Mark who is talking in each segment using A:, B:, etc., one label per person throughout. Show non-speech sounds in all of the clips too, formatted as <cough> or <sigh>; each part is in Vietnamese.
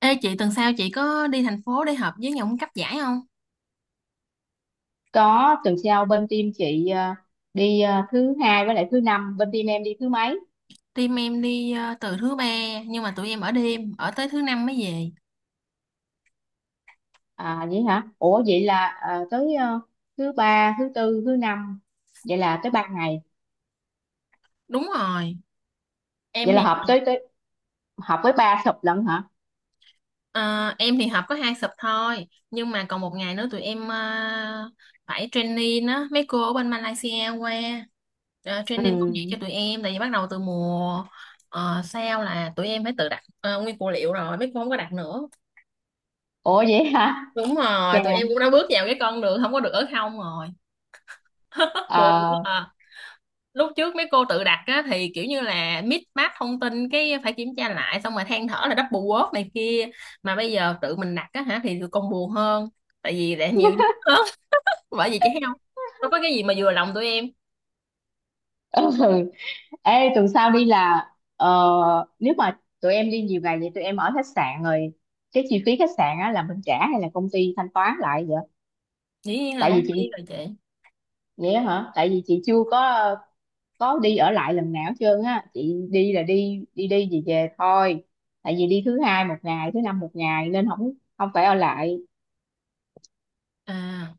A: Ê chị, tuần sau chị có đi thành phố để họp với nhóm cấp giải không?
B: Có, tuần sau bên team chị đi thứ hai với lại thứ năm. Bên team em đi thứ mấy?
A: Team em đi từ thứ ba, nhưng mà tụi em ở đêm tới thứ năm mới về.
B: À vậy hả? Ủa vậy là tới thứ ba, thứ tư, thứ năm. Vậy là tới ba ngày.
A: Đúng rồi. Em
B: Vậy là
A: thì
B: họp tới tới họp với ba sập lận hả?
A: ờ, em thì họp có hai sub thôi, nhưng mà còn một ngày nữa tụi em phải training á mấy cô ở bên Malaysia qua, training công việc cho
B: Ừ.
A: tụi em, tại vì bắt đầu từ mùa sau là tụi em phải tự đặt nguyên phụ liệu rồi, mấy cô không có đặt nữa.
B: Ủa vậy hả?
A: Đúng
B: Chà.
A: rồi, tụi em cũng đã bước vào cái con đường không có được ở không rồi. Buồn quá
B: Ờ.
A: à. Lúc trước mấy cô tự đặt á, thì kiểu như là mix match thông tin, cái phải kiểm tra lại, xong rồi than thở là double word này kia, mà bây giờ tự mình đặt á hả thì tụi con buồn hơn, tại vì đã nhiều
B: <laughs>
A: hơn. <laughs> Bởi vì chị thấy không, đâu có cái gì mà vừa lòng tụi em.
B: Ừ. Ê, tuần sau đi là ờ, nếu mà tụi em đi nhiều ngày vậy tụi em ở khách sạn rồi, cái chi phí khách sạn á là mình trả hay là công ty thanh toán lại vậy?
A: Dĩ nhiên là
B: Tại
A: công
B: vì
A: ty
B: chị,
A: rồi chị.
B: vậy á hả? Tại vì chị chưa có đi ở lại lần nào hết trơn á. Chị đi là đi đi đi về về thôi, tại vì đi thứ hai một ngày, thứ năm một ngày nên không không phải ở lại.
A: À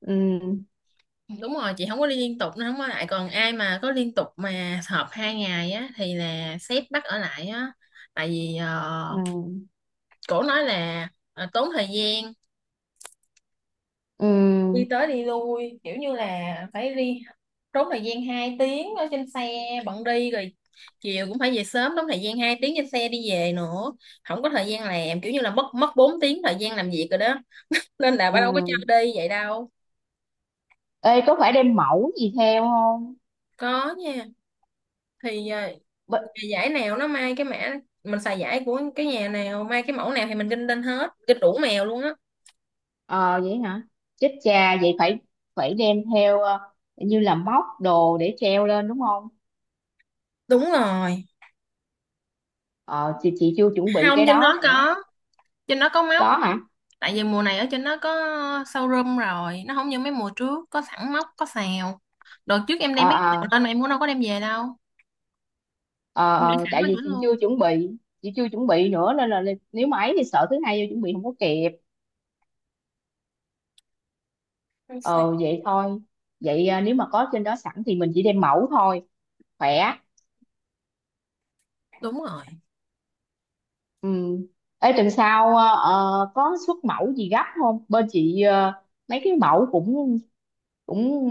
B: Ừ,
A: đúng rồi, chị không có đi liên tục nó không có lại, còn ai mà có liên tục mà họp hai ngày á thì là sếp bắt ở lại á. Tại vì
B: ừ,
A: cổ nói là tốn thời gian đi
B: ừ,
A: tới đi lui, kiểu như là phải đi trốn thời gian 2 tiếng ở trên xe bận đi rồi, chiều cũng phải về sớm, đóng thời gian 2 tiếng trên xe đi về nữa, không có thời gian làm, kiểu như là mất mất 4 tiếng thời gian làm việc rồi đó, nên là
B: ừ.
A: bà đâu có chơi đi vậy đâu.
B: Ê, có phải đem mẫu gì theo không?
A: Có nha, thì
B: B.
A: nhà giải nào nó may cái mã, mình xài giải của cái nhà nào may cái mẫu nào thì mình kinh lên hết, kinh đủ mèo luôn á.
B: Ờ vậy hả? Chết cha, vậy phải phải đem theo như là móc đồ để treo lên đúng không?
A: Đúng rồi,
B: Ờ, chị chưa chuẩn bị
A: không,
B: cái
A: trên
B: đó
A: đó
B: nữa.
A: có, trên đó có móc.
B: Có hả?
A: Tại vì mùa này ở trên nó có showroom rồi, nó không như mấy mùa trước có sẵn móc có xào. Đợt trước em
B: Ờ,
A: đem mấy cái xào
B: ờ.
A: lên mà em cũng đâu có đem về đâu,
B: Ờ,
A: em để
B: ờ,
A: sẵn
B: tại
A: ở chỗ
B: vì chị
A: luôn.
B: chưa chuẩn bị chị chưa chuẩn bị nữa, nên là nếu mà ấy thì sợ thứ hai vô chuẩn bị không có kịp. Ờ vậy thôi. Vậy à, nếu mà có trên đó sẵn thì mình chỉ đem mẫu thôi, khỏe.
A: Đúng rồi.
B: Ừ. Ê, tuần sau à, có xuất mẫu gì gấp không? Bên chị mấy cái mẫu cũng cũng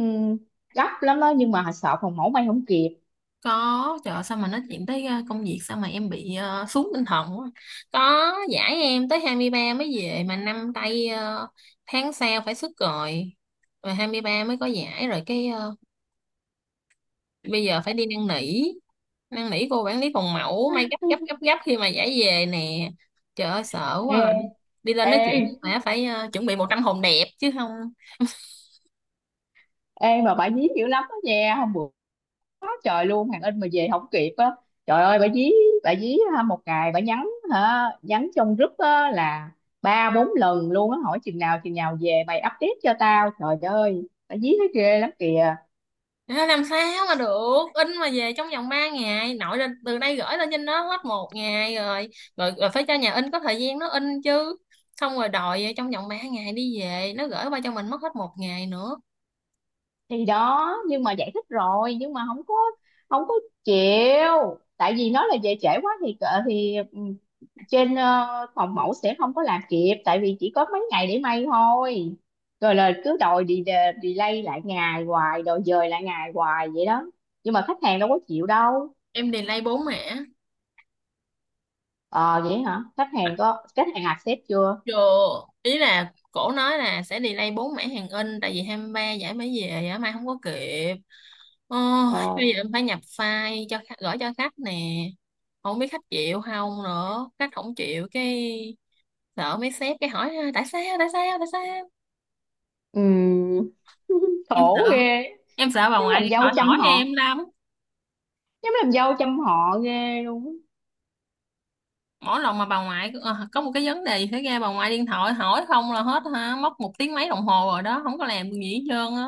B: gấp lắm đó, nhưng mà sợ phòng mẫu may không kịp.
A: Có, trời ơi, sao mà nói chuyện tới công việc sao mà em bị xuống tinh thần quá. Có giải em tới 23 mới về, mà năm tay tháng sau phải xuất rồi, mà 23 mới có giải rồi cái bây giờ phải đi năn nỉ, năn nỉ cô quản lý phòng mẫu may gấp gấp gấp gấp khi mà giải về nè. Trời ơi sợ quá
B: ê
A: à. Đi lên
B: ê
A: nói chuyện với mẹ phải chuẩn bị 100 hồn đẹp chứ không.
B: ê mà bà dí dữ lắm đó nha. Hôm bữa quá trời luôn, hàng in mà về không kịp á. Trời ơi bà dí, bà dí ha, một ngày bà nhắn hả, nhắn trong group á là ba bốn lần luôn á, hỏi chừng nào về mày update cho tao. Trời ơi, bà dí nó ghê lắm kìa.
A: Nó làm sao mà được in mà về trong vòng 3 ngày, nội lên từ đây gửi lên trên đó hết một ngày rồi, rồi phải cho nhà in có thời gian nó in chứ, xong rồi đòi trong vòng 3 ngày đi về, nó gửi qua cho mình mất hết một ngày nữa.
B: Thì đó, nhưng mà giải thích rồi, nhưng mà không có chịu, tại vì nó là về trễ quá thì ừ, trên phòng mẫu sẽ không có làm kịp, tại vì chỉ có mấy ngày để may thôi. Rồi là cứ đòi đi delay lại ngày hoài, đòi dời lại ngày hoài vậy đó. Nhưng mà khách hàng đâu có chịu đâu.
A: Em delay bốn mẻ.
B: Ờ vậy hả? Khách hàng accept chưa?
A: Rồi, ý là cổ nói là sẽ delay bốn mẻ hàng in, tại vì 23 giải mới về á, mai không có kịp. Ôi,
B: Ờ.
A: bây giờ em phải nhập file cho khách- gửi cho khách nè. Không biết khách chịu không nữa, khách không chịu cái sợ mấy sếp cái hỏi tại sao, tại sao, tại sao.
B: Ừm. <laughs>
A: Em sợ,
B: Khổ ghê.
A: em sợ bà
B: Giống
A: ngoại
B: làm
A: điện
B: dâu
A: thoại hỏi
B: chăm
A: em
B: họ,
A: lắm.
B: giống làm dâu chăm họ ghê luôn á.
A: Mỗi lần mà bà ngoại có một cái vấn đề gì xảy ra, bà ngoại điện thoại hỏi không là hết hả, mất một tiếng mấy đồng hồ rồi đó, không có làm được gì hết trơn á.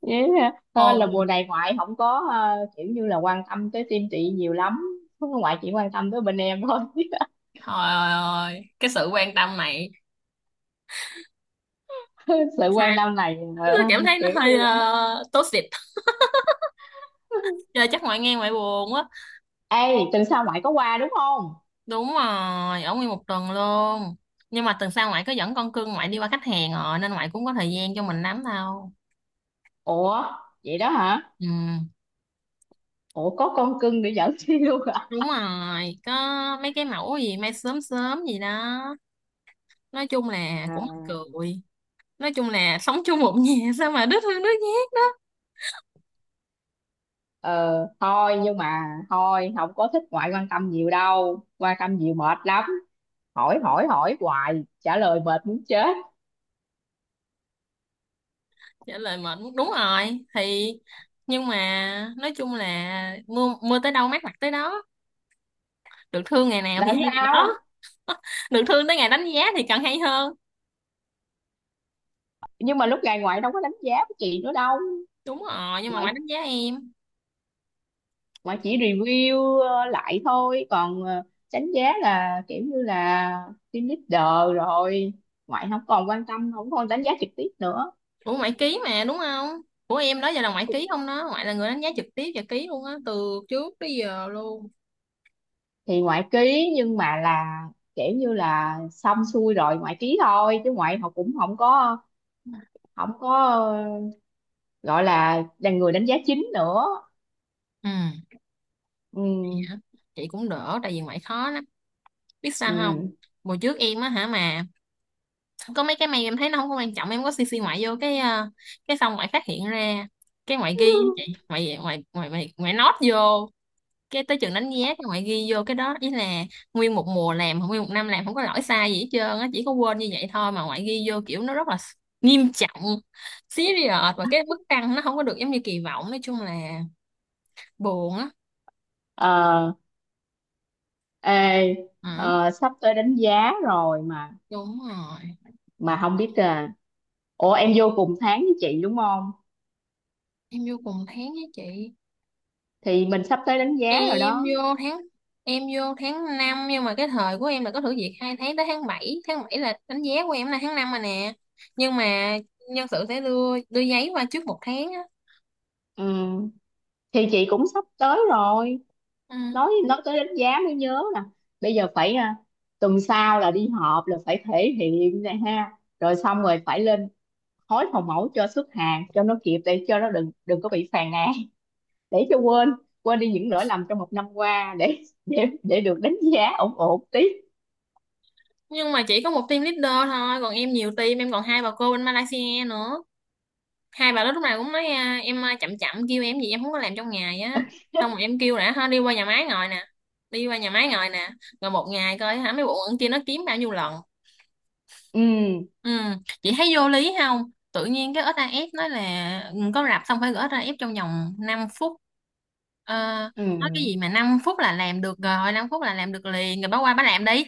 B: Với hơn là mùa này ngoại không có kiểu như là quan tâm tới team chị nhiều lắm, ngoại chỉ quan tâm tới bên em thôi.
A: Trời ơi, cái sự quan tâm này
B: <laughs> Sự quan tâm này
A: tôi cảm thấy nó
B: kiểu
A: hơi
B: như là.
A: toxic.
B: <laughs>
A: Giờ chắc ngoại nghe ngoại buồn quá.
B: Ê, tuần sau ngoại có qua đúng không?
A: Đúng rồi, ở nguyên một tuần luôn. Nhưng mà tuần sau ngoại có dẫn con cưng ngoại đi qua khách hàng rồi, nên ngoại cũng có thời gian cho mình lắm đâu.
B: Ủa vậy đó hả?
A: Ừ,
B: Ủa, có con cưng để dẫn đi <laughs> luôn hả?
A: đúng rồi, có mấy cái mẫu gì may sớm sớm gì đó. Nói chung là
B: À.
A: cũng mắc cười. Nói chung là sống chung một nhà <laughs> sao mà đứt hơn đứt nhát đó.
B: ờ Thôi, nhưng mà thôi không có thích ngoại quan tâm nhiều đâu, quan tâm nhiều mệt lắm. Hỏi hỏi hỏi hoài, trả lời mệt muốn chết.
A: Trả lời mệt muốn- đúng rồi thì, nhưng mà nói chung là mưa mưa tới đâu mát mặt tới đó, được thương ngày nào thì
B: Là
A: hay ngày
B: sao?
A: đó, được thương tới ngày đánh giá thì càng hay hơn.
B: Nhưng mà lúc này ngoại đâu có đánh giá của chị nữa đâu.
A: Đúng rồi, nhưng mà ngoại
B: ngoại
A: đánh giá em.
B: ngoại chỉ review lại thôi, còn đánh giá là kiểu như là team leader rồi, ngoại không còn quan tâm, không còn đánh giá trực tiếp nữa.
A: Ủa ngoại ký mà đúng không, của em đó giờ là ngoại ký không đó, ngoại là người đánh giá trực tiếp và ký luôn á từ trước tới giờ luôn.
B: Thì ngoại ký, nhưng mà là kiểu như là xong xuôi rồi ngoại ký thôi, chứ ngoại họ cũng không có gọi là người đánh giá chính nữa.
A: Ừ
B: Ừ.
A: vậy hả? Chị cũng đỡ tại vì ngoại khó lắm, biết sao không,
B: Ừ.
A: hồi trước em á hả, mà có mấy cái mày em thấy nó không có quan trọng em có cc ngoại vô cái cái xong ngoại phát hiện ra, cái ngoại ghi á chị, ngoại ngoại ngoại ngoại, ngoại nốt vô, cái tới chừng đánh giá các bạn ghi vô cái đó ý là, nguyên một mùa làm nguyên một năm làm không có lỗi sai gì hết trơn á, chỉ có quên như vậy thôi mà ngoại ghi vô kiểu nó rất là nghiêm trọng, serious, và cái mức tăng nó không có được giống như kỳ vọng, nói chung là buồn á.
B: Ờ. Ê.
A: Ừ,
B: Sắp tới đánh giá rồi mà
A: đúng rồi,
B: mà không biết à. Ủa em vô cùng tháng với chị đúng không?
A: em vô cùng tháng với chị.
B: Thì mình sắp tới đánh giá rồi
A: em
B: đó.
A: vô tháng em vô tháng năm, nhưng mà cái thời của em là có thử việc hai tháng tới tháng bảy, tháng 7 là đánh giá của em, là tháng 5 mà nè, nhưng mà nhân sự sẽ đưa đưa giấy qua trước một tháng á.
B: Ừ. Thì chị cũng sắp tới rồi.
A: Ừ.
B: Nói tới đánh giá mới nhớ nè, bây giờ phải tuần sau là đi họp là phải thể hiện này ha, rồi xong rồi phải lên hối phòng mẫu cho xuất hàng cho nó kịp để cho nó đừng đừng có bị phàn nàn, để cho quên, quên đi những lỗi lầm trong một năm qua để được đánh giá ổn ổn tí.
A: Nhưng mà chỉ có một team leader thôi, còn em nhiều team, em còn hai bà cô bên Malaysia nữa, hai bà đó lúc nào cũng nói à, em à, chậm chậm kêu em gì em không có làm trong ngày á. Xong rồi
B: <laughs>
A: em kêu đã ha, đi qua nhà máy ngồi nè, đi qua nhà máy ngồi nè, rồi một ngày coi hả mấy bộ ẩn kia nó kiếm bao nhiêu lần.
B: Ừ.
A: Ừ. Chị thấy vô lý không, tự nhiên cái ét a ép nói là ừ, có rạp xong phải gửi ét a ép trong vòng 5 phút. Ờ, nói cái
B: Ừ.
A: gì mà 5 phút là làm được rồi, 5 phút là làm được liền rồi bà qua bà làm đi.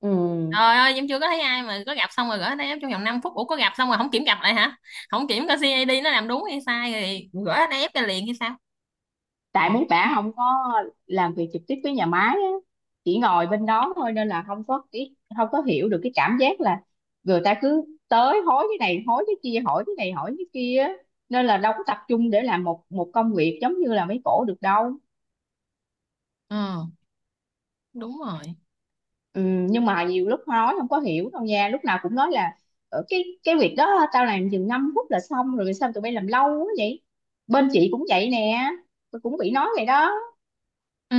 B: Ừ.
A: Trời ơi, em chưa có thấy ai mà có gặp xong rồi gửi đây trong vòng 5 phút. Ủa có gặp xong rồi không kiểm gặp lại hả? Không kiểm coi CID nó làm đúng hay sai rồi gửi đây ép ra liền hay sao?
B: Tại
A: Ủa,
B: mấy bả không có làm việc trực tiếp với nhà máy á, chỉ ngồi bên đó thôi, nên là không có hiểu được cái cảm giác là người ta cứ tới hối cái này hối cái kia, hỏi cái này hỏi cái kia á. Nên là đâu có tập trung để làm một một công việc giống như là mấy cổ được đâu.
A: ừ, đúng rồi.
B: Ừ. Nhưng mà nhiều lúc nói không có hiểu đâu nha, lúc nào cũng nói là: "Ờ, cái việc đó tao làm chừng 5 phút là xong rồi, sao tụi bay làm lâu quá vậy?" Bên chị cũng vậy nè, tôi cũng bị nói vậy đó.
A: Ừ,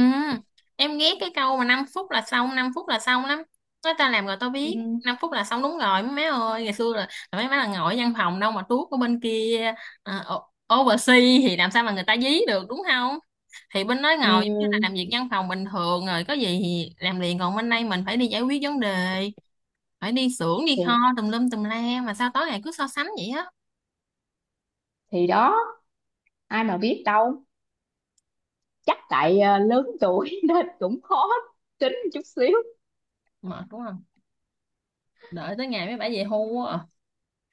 A: em ghét cái câu mà 5 phút là xong, 5 phút là xong lắm. Nói ta làm rồi tao
B: Ừ.
A: biết. 5 phút là xong đúng rồi mấy má ơi. Ngày xưa là mấy má là ngồi ở văn phòng đâu mà tuốt ở bên kia, à, o- oversea thì làm sao mà người ta dí được đúng không? Thì bên đó ngồi giống như là làm
B: Ừ.
A: việc văn phòng bình thường rồi, có gì thì làm liền, còn bên đây mình phải đi giải quyết vấn đề, phải đi xưởng đi kho
B: thì
A: tùm lum tùm la, mà sao tối ngày cứ so sánh vậy á.
B: thì đó, ai mà biết đâu. Chắc tại lớn tuổi <laughs> nên cũng khó tính chút xíu
A: Mệt đúng không, đợi tới ngày mấy bả về hưu quá à.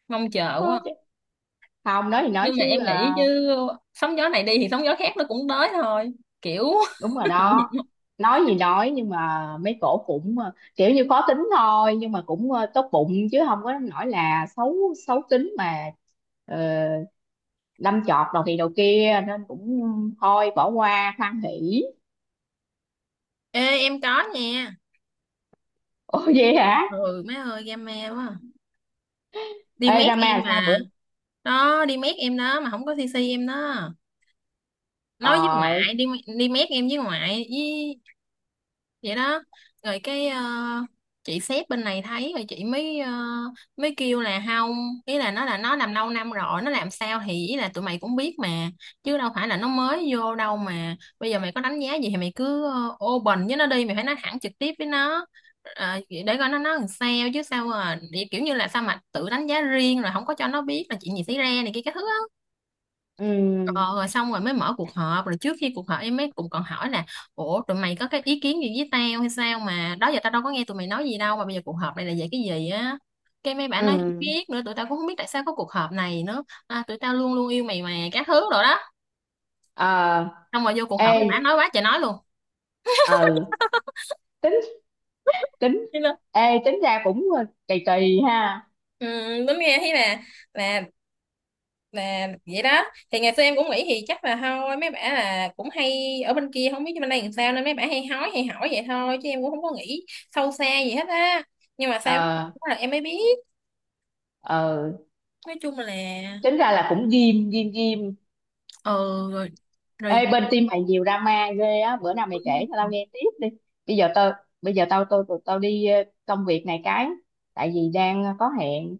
A: Mong chờ
B: thôi.
A: quá à.
B: Chứ không, nói thì nói
A: Nhưng mà
B: chứ
A: em nghĩ chứ, sóng gió này đi thì sóng gió khác nó cũng tới thôi, kiểu
B: đúng rồi đó.
A: <laughs>
B: Nói gì nói, nhưng mà mấy cổ cũng kiểu như khó tính thôi, nhưng mà cũng tốt bụng, chứ không có nói là xấu, xấu tính mà. Ờ, đâm chọt đầu thì đầu kia, nên cũng thôi, bỏ qua hoan hỉ.
A: ê em có nha.
B: Ồ vậy hả?
A: Ừ mấy ơi game me quá à. Đi
B: Ê,
A: mét
B: Rama
A: em
B: sao
A: mà,
B: bữa.
A: đó đi mét em đó mà không có cc em đó, nói với
B: Ờ.
A: ngoại đi, đi mét em với ngoại với, vậy đó. Rồi cái chị sếp bên này thấy rồi, chị mới mới kêu là không, ý là nó làm lâu năm rồi, nó làm sao thì ý là tụi mày cũng biết mà, chứ đâu phải là nó mới vô đâu, mà bây giờ mày có đánh giá gì thì mày cứ open với nó đi, mày phải nói thẳng trực tiếp với nó. Ờ, để coi nó nói làm sao, chứ sao mà kiểu như là sao mà tự đánh giá riêng rồi không có cho nó biết là chuyện gì xảy ra này kia các thứ á.
B: Ừ.
A: Ờ, rồi xong rồi mới mở cuộc họp, rồi trước khi cuộc họp em mới cũng còn hỏi là ủa tụi mày có cái ý kiến gì với tao hay sao, mà đó giờ tao đâu có nghe tụi mày nói gì đâu mà bây giờ cuộc họp này là về cái gì á. Cái mấy bạn nói không
B: Ừ.
A: biết nữa, tụi tao cũng không biết tại sao có cuộc họp này nữa à, tụi tao luôn luôn yêu mày mà các thứ rồi đó.
B: Ờ.
A: Xong rồi vô cuộc
B: Ê.
A: họp mấy bạn nói quá trời nói luôn.
B: Ừ. Tính. Ê, tính ra cũng kỳ kỳ ha.
A: Ừ, đúng nghe thấy là, là là vậy đó. Thì ngày xưa em cũng nghĩ thì chắc là thôi mấy bả là cũng hay ở bên kia không biết bên đây làm sao, nên mấy bả hay hói hay hỏi vậy thôi, chứ em cũng không có nghĩ sâu xa gì hết á, nhưng mà sao biết
B: Ờ.
A: là em mới biết.
B: Ờ.
A: Nói chung là
B: Tính ra là cũng ghim ghim ghim.
A: ừ, rồi rồi.
B: Ê, bên team mày nhiều drama ghê á, bữa nào mày kể cho tao
A: Ừ,
B: nghe tiếp đi. Bây giờ tao, tao đi công việc này cái, tại vì đang có hẹn,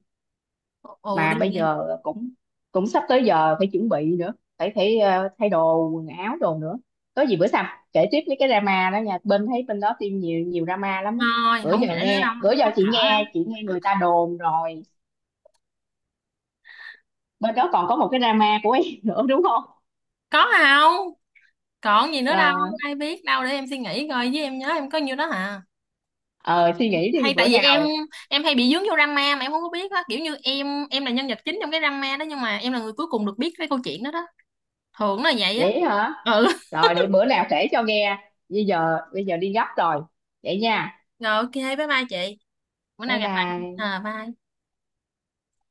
A: ừ,
B: mà
A: đi
B: bây
A: đi.
B: giờ cũng cũng sắp tới giờ phải chuẩn bị nữa, phải phải ờ, thay đồ quần áo đồ nữa. Có gì bữa sau kể tiếp mấy cái drama đó nha, bên đó team nhiều nhiều drama lắm á.
A: Thôi
B: Bữa
A: không
B: giờ
A: kể nữa đâu,
B: nghe, bữa giờ
A: mắc
B: chị
A: cỡ lắm.
B: nghe, chị nghe người ta đồn rồi. Bên đó còn có một cái drama của em <laughs> nữa đúng không?
A: Có không, còn gì nữa đâu,
B: Là
A: ai biết đâu, để em suy nghĩ coi, với em nhớ em có nhiêu đó hả.
B: ờ, suy nghĩ đi
A: Hay tại
B: bữa
A: vì em
B: nào.
A: em hay bị dướng vô drama mà em không có biết á, kiểu như em là nhân vật chính trong cái drama đó, nhưng mà em là người cuối cùng được biết cái câu chuyện đó đó, thường là vậy á.
B: Vậy hả?
A: Ừ <laughs>
B: Rồi, để bữa nào kể cho nghe, bây giờ đi gấp rồi. Vậy nha.
A: rồi ok bye bye chị, bữa nào
B: Bye
A: gặp lại,
B: bye.
A: à bye.